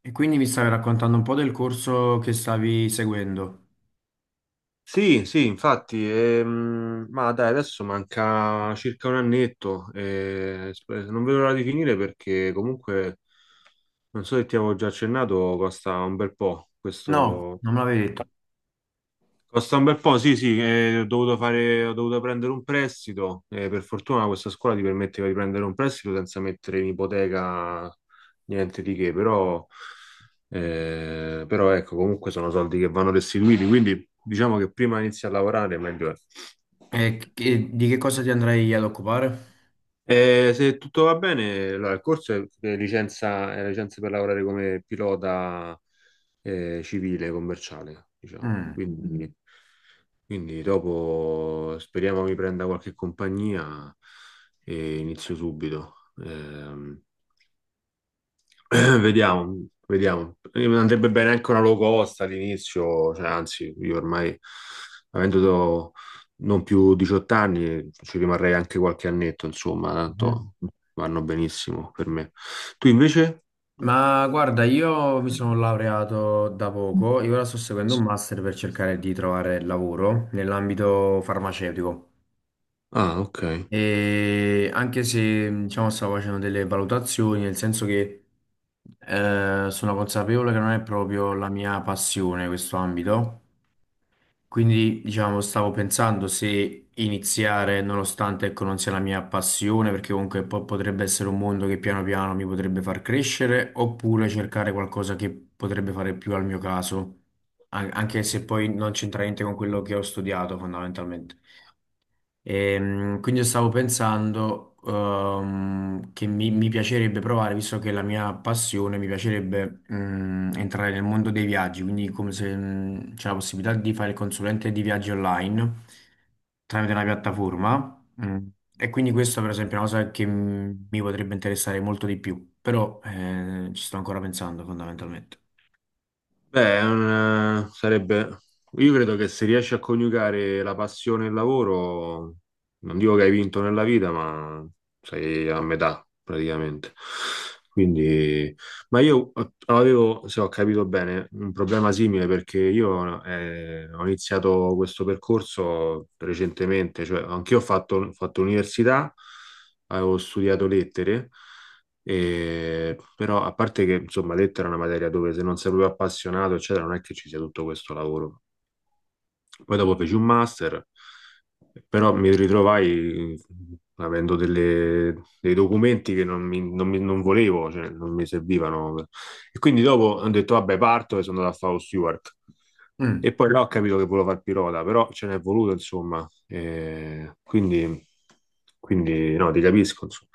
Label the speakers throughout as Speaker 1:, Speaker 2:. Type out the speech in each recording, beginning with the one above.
Speaker 1: E quindi mi stavi raccontando un po' del corso che stavi seguendo.
Speaker 2: Sì, sì, infatti, ma dai, adesso manca circa un annetto, e non vedo l'ora di finire perché comunque, non so se ti avevo già accennato, costa un bel po'
Speaker 1: No,
Speaker 2: questo,
Speaker 1: non me l'avevi detto.
Speaker 2: costa un bel po', sì, sì, ho dovuto prendere un prestito. Per fortuna questa scuola ti permetteva di prendere un prestito senza mettere in ipoteca niente di che, però, però ecco, comunque sono soldi che vanno restituiti, quindi diciamo che prima inizi a lavorare meglio è.
Speaker 1: E di che cosa ti andrai ad occupare?
Speaker 2: Se tutto va bene, allora, il corso è licenza, è licenza per lavorare come pilota civile, commerciale, diciamo.
Speaker 1: Mm.
Speaker 2: Quindi, quindi dopo speriamo mi prenda qualche compagnia e inizio subito. Ehm, Vediamo, vediamo. Andrebbe bene anche una low cost all'inizio, cioè, anzi, io ormai, avendo do- non più 18 anni, ci rimarrei anche qualche annetto, insomma,
Speaker 1: Mhm.
Speaker 2: tanto vanno benissimo per me. Tu invece?
Speaker 1: Ma guarda, io mi sono laureato da poco e ora sto seguendo un master per cercare di trovare lavoro nell'ambito farmaceutico.
Speaker 2: Ah, ok.
Speaker 1: E anche se, diciamo, stavo facendo delle valutazioni, nel senso che sono consapevole che non è proprio la mia passione questo ambito. Quindi, diciamo, stavo pensando se iniziare, nonostante ecco, non sia la mia passione, perché comunque poi potrebbe essere un mondo che piano piano mi potrebbe far crescere, oppure cercare qualcosa che potrebbe fare più al mio caso, anche se poi non c'entra niente con quello che ho studiato, fondamentalmente. Quindi io stavo pensando che mi piacerebbe provare, visto che è la mia passione, mi piacerebbe entrare nel mondo dei viaggi, quindi come se c'è la possibilità di fare il consulente di viaggi online tramite una piattaforma. E quindi questa per esempio è una cosa che mi potrebbe interessare molto di più, però ci sto ancora pensando fondamentalmente.
Speaker 2: Beh, sarebbe... Io credo che se riesci a coniugare la passione e il lavoro, non dico che hai vinto nella vita, ma sei a metà praticamente. Quindi, ma io avevo, se ho capito bene, un problema simile perché io ho iniziato questo percorso recentemente, cioè anch'io ho fatto università, avevo studiato lettere, però a parte che insomma lettera è una materia dove se non sei proprio appassionato, eccetera, non è che ci sia tutto questo lavoro. Poi dopo feci un master, però mi ritrovai dei documenti che non volevo, cioè non mi servivano. E quindi dopo ho detto, vabbè, parto e sono andato a fare lo steward.
Speaker 1: Mm.
Speaker 2: E poi là ho capito che volevo fare il pilota, però ce n'è voluto, insomma. E quindi, quindi, no, ti capisco, insomma,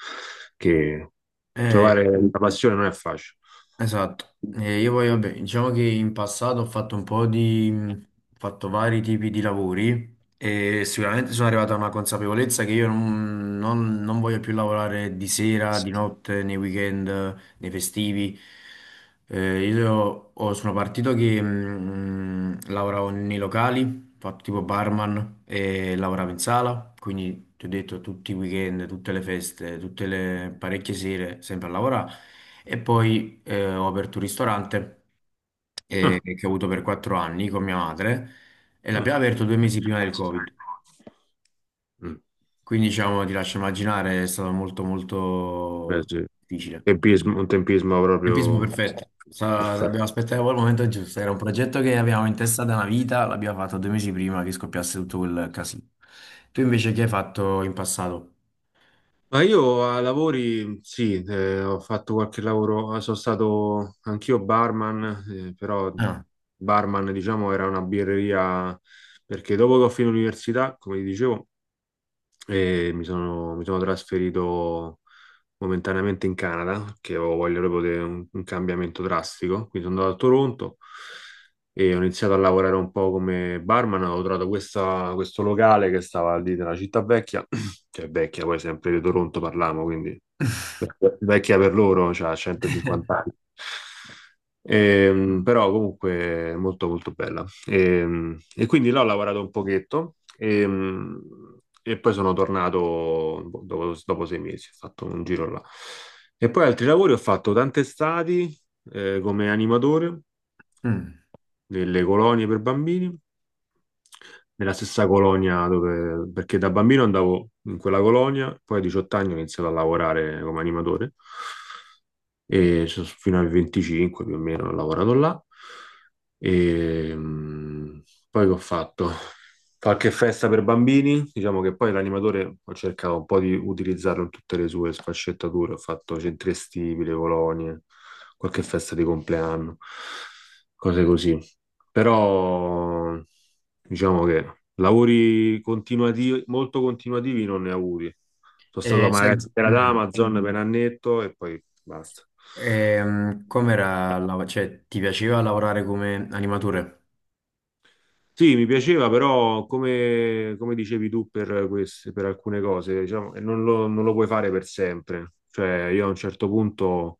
Speaker 2: che
Speaker 1: Eh,
Speaker 2: trovare la passione non è facile.
Speaker 1: Esatto. Io poi vabbè, diciamo che in passato ho fatto un po' di, ho fatto vari tipi di lavori e sicuramente sono arrivato a una consapevolezza che io non voglio più lavorare di sera, di notte, nei weekend, nei festivi. Io sono partito che lavoravo nei locali, fatto tipo barman e lavoravo in sala, quindi ti ho detto tutti i weekend, tutte le feste, tutte le parecchie sere, sempre a lavorare. E poi ho aperto un ristorante
Speaker 2: Ah,
Speaker 1: che ho avuto per 4 anni con mia madre e
Speaker 2: ah.
Speaker 1: l'abbiamo aperto 2 mesi prima del Covid.
Speaker 2: Mm,
Speaker 1: Quindi diciamo, ti lascio immaginare, è stato molto
Speaker 2: beh,
Speaker 1: molto
Speaker 2: sì.
Speaker 1: difficile.
Speaker 2: Tempismo, un tempismo
Speaker 1: Tempismo
Speaker 2: proprio
Speaker 1: perfetto.
Speaker 2: perfetto.
Speaker 1: Abbiamo aspettato il momento giusto, era un progetto che avevamo in testa da una vita, l'abbiamo fatto 2 mesi prima che scoppiasse tutto quel casino. Tu invece che hai fatto in passato?
Speaker 2: Ma io a lavori, sì, ho fatto qualche lavoro, sono stato anch'io barman, però
Speaker 1: Ah.
Speaker 2: barman, diciamo, era una birreria perché dopo che ho finito l'università, come vi dicevo, mi sono trasferito momentaneamente in Canada, che avevo voglia proprio di un cambiamento drastico. Quindi sono andato a Toronto e ho iniziato a lavorare un po' come barman. Ho trovato questo locale che stava lì nella città vecchia, cioè vecchia, poi sempre di Toronto parliamo, quindi vecchia per loro, cioè 150 anni. Però comunque molto molto bella. E quindi là ho lavorato un pochetto e poi sono tornato boh, dopo sei mesi, ho fatto un giro là. E poi altri lavori ho fatto tante estati come animatore
Speaker 1: Mm.
Speaker 2: delle colonie per bambini, nella stessa colonia dove, perché da bambino andavo in quella colonia, poi a 18 anni ho iniziato a lavorare come animatore fino ai 25 più o meno ho lavorato là. E, poi che ho fatto? Qualche festa per bambini, diciamo che poi l'animatore ho cercato un po' di utilizzarlo in tutte le sue sfaccettature, ho fatto centri estivi, le colonie, qualche festa di compleanno, cose così però diciamo che lavori continuativi, molto continuativi non ne ho avuti. Sono
Speaker 1: E
Speaker 2: stato a
Speaker 1: sen-
Speaker 2: magazziniera ad
Speaker 1: mm.
Speaker 2: Amazon per un annetto e poi basta.
Speaker 1: Com'era cioè, ti piaceva lavorare come animatore?
Speaker 2: Sì, mi piaceva, però come, come dicevi tu per queste, per alcune cose, diciamo, non lo puoi fare per sempre. Cioè, io a un certo punto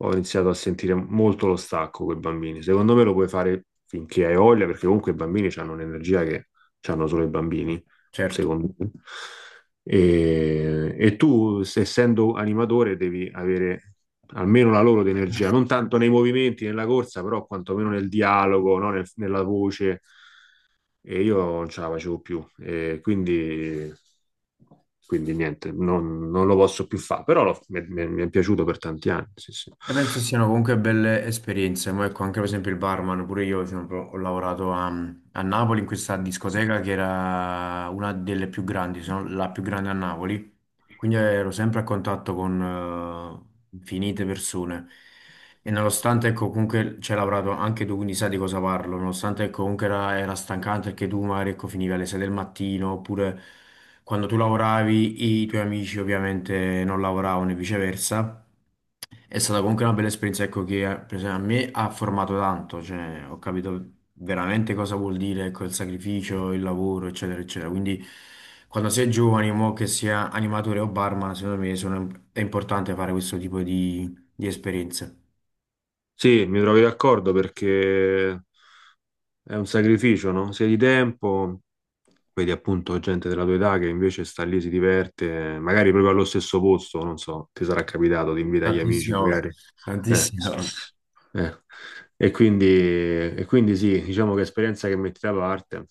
Speaker 2: ho iniziato a sentire molto lo stacco con i bambini. Secondo me lo puoi fare finché hai voglia, perché comunque i bambini hanno un'energia che hanno solo i bambini,
Speaker 1: Certo.
Speaker 2: secondo me. E tu, essendo animatore, devi avere almeno la loro di energia, non tanto nei movimenti, nella corsa, però quantomeno nel dialogo, no? Nella voce e io non ce la facevo più, e quindi, quindi niente, non lo posso più fare, però mi è piaciuto per tanti anni, sì, sì.
Speaker 1: E penso siano comunque belle esperienze, ma ecco anche per esempio il barman, pure io esempio, ho lavorato a Napoli in questa discoteca che era una delle più grandi, se non la più grande a Napoli, quindi ero sempre a contatto con infinite persone e nonostante ecco comunque ci hai lavorato anche tu, quindi sai di cosa parlo, nonostante ecco comunque era stancante perché tu magari ecco finivi alle 6 del mattino oppure quando tu lavoravi i tuoi amici ovviamente non lavoravano e viceversa. È stata comunque una bella esperienza, ecco, che per esempio, a me ha formato tanto, cioè ho capito veramente cosa vuol dire, ecco, il sacrificio, il lavoro, eccetera, eccetera. Quindi quando sei giovane, mo che sia animatore o barman, secondo me è importante fare questo tipo di esperienze.
Speaker 2: Sì, mi trovi d'accordo perché è un sacrificio, no? Sia di tempo, vedi appunto gente della tua età che invece sta lì, si diverte, magari proprio allo stesso posto, non so, ti sarà capitato, ti invita gli amici,
Speaker 1: Tantissime volte,
Speaker 2: magari. Eh,
Speaker 1: tantissime volte.
Speaker 2: eh. E quindi sì, diciamo che è esperienza che metti da parte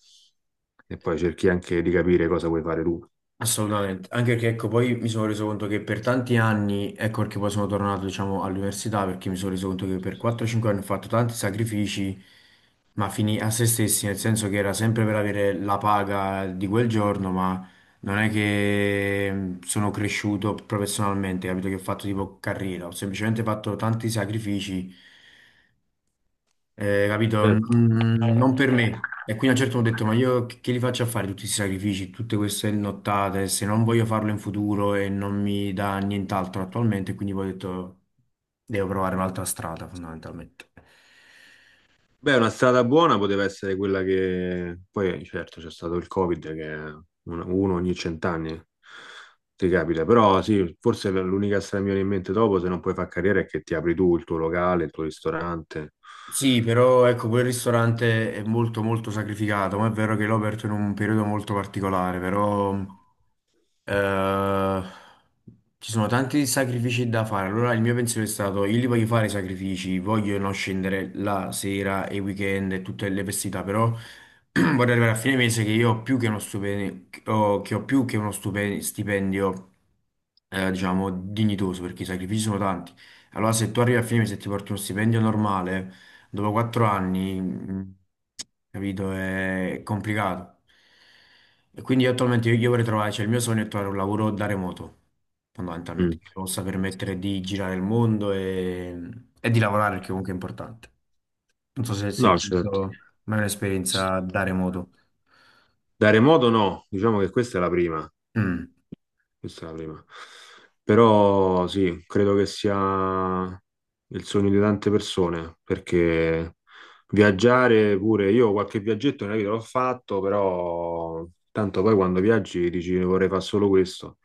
Speaker 2: e poi cerchi anche di capire cosa vuoi fare tu.
Speaker 1: Assolutamente, anche perché ecco, poi mi sono reso conto che per tanti anni, ecco perché poi sono tornato, diciamo, all'università, perché mi sono reso conto che per 4-5 anni ho fatto tanti sacrifici, ma fini a se stessi, nel senso che era sempre per avere la paga di quel giorno, ma non è che sono cresciuto professionalmente, capito che ho fatto tipo carriera, ho semplicemente fatto tanti sacrifici capito? Mm. Non per me. E quindi a un certo punto ho detto, ma io che li faccio a fare tutti questi sacrifici, tutte queste nottate, se non voglio farlo in futuro e non mi dà nient'altro attualmente, quindi poi ho detto, devo provare un'altra strada fondamentalmente.
Speaker 2: Beh, una strada buona poteva essere quella che poi, certo, c'è stato il Covid che uno ogni cent'anni ti capita, però sì, forse l'unica strada che mi viene in mente dopo, se non puoi fare carriera, è che ti apri tu il tuo locale, il tuo ristorante.
Speaker 1: Sì, però ecco, quel ristorante è molto molto sacrificato, ma è vero che l'ho aperto in un periodo molto particolare, però Eh, ci sono tanti sacrifici da fare. Allora, il mio pensiero è stato: io li voglio fare i sacrifici, voglio non scendere la sera e i weekend e tutte le festività, però vorrei arrivare a fine mese che io ho più che uno stipendio, che ho più che uno stipendio, diciamo, dignitoso, perché i sacrifici sono tanti. Allora, se tu arrivi a fine mese e ti porti uno stipendio normale. Dopo 4 anni, capito, è complicato. E quindi io attualmente io vorrei trovare, cioè il mio sogno è trovare un lavoro da remoto, fondamentalmente,
Speaker 2: Mm.
Speaker 1: che possa permettere di girare il mondo e di lavorare, perché comunque è importante. Non so se
Speaker 2: No,
Speaker 1: tu
Speaker 2: certo.
Speaker 1: hai mai un'esperienza da remoto.
Speaker 2: Da remoto no, diciamo che questa è la prima.
Speaker 1: Mm.
Speaker 2: Questa è la prima. Però sì, credo che sia il sogno di tante persone, perché viaggiare pure, io qualche viaggetto nella vita l'ho fatto, però tanto poi quando viaggi dici vorrei fare solo questo.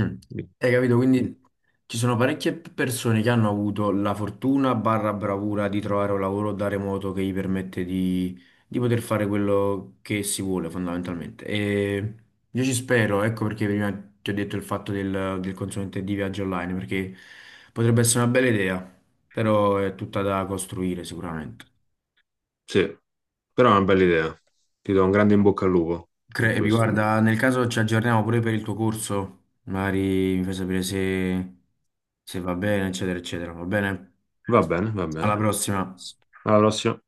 Speaker 1: Mm. Hai capito? Quindi ci sono parecchie persone che hanno avuto la fortuna barra bravura di trovare un lavoro da remoto che gli permette di poter fare quello che si vuole fondamentalmente. E io ci spero, ecco perché prima ti ho detto il fatto del consulente di viaggio online, perché potrebbe essere una bella idea, però è tutta da costruire sicuramente.
Speaker 2: Sì, però è una bella idea. Ti do un grande in bocca al lupo per
Speaker 1: E
Speaker 2: questo.
Speaker 1: guarda, nel caso ci aggiorniamo pure per il tuo corso, magari mi fai sapere se va bene, eccetera, eccetera, va bene?
Speaker 2: Va bene, va bene.
Speaker 1: Alla prossima.
Speaker 2: Alla prossima.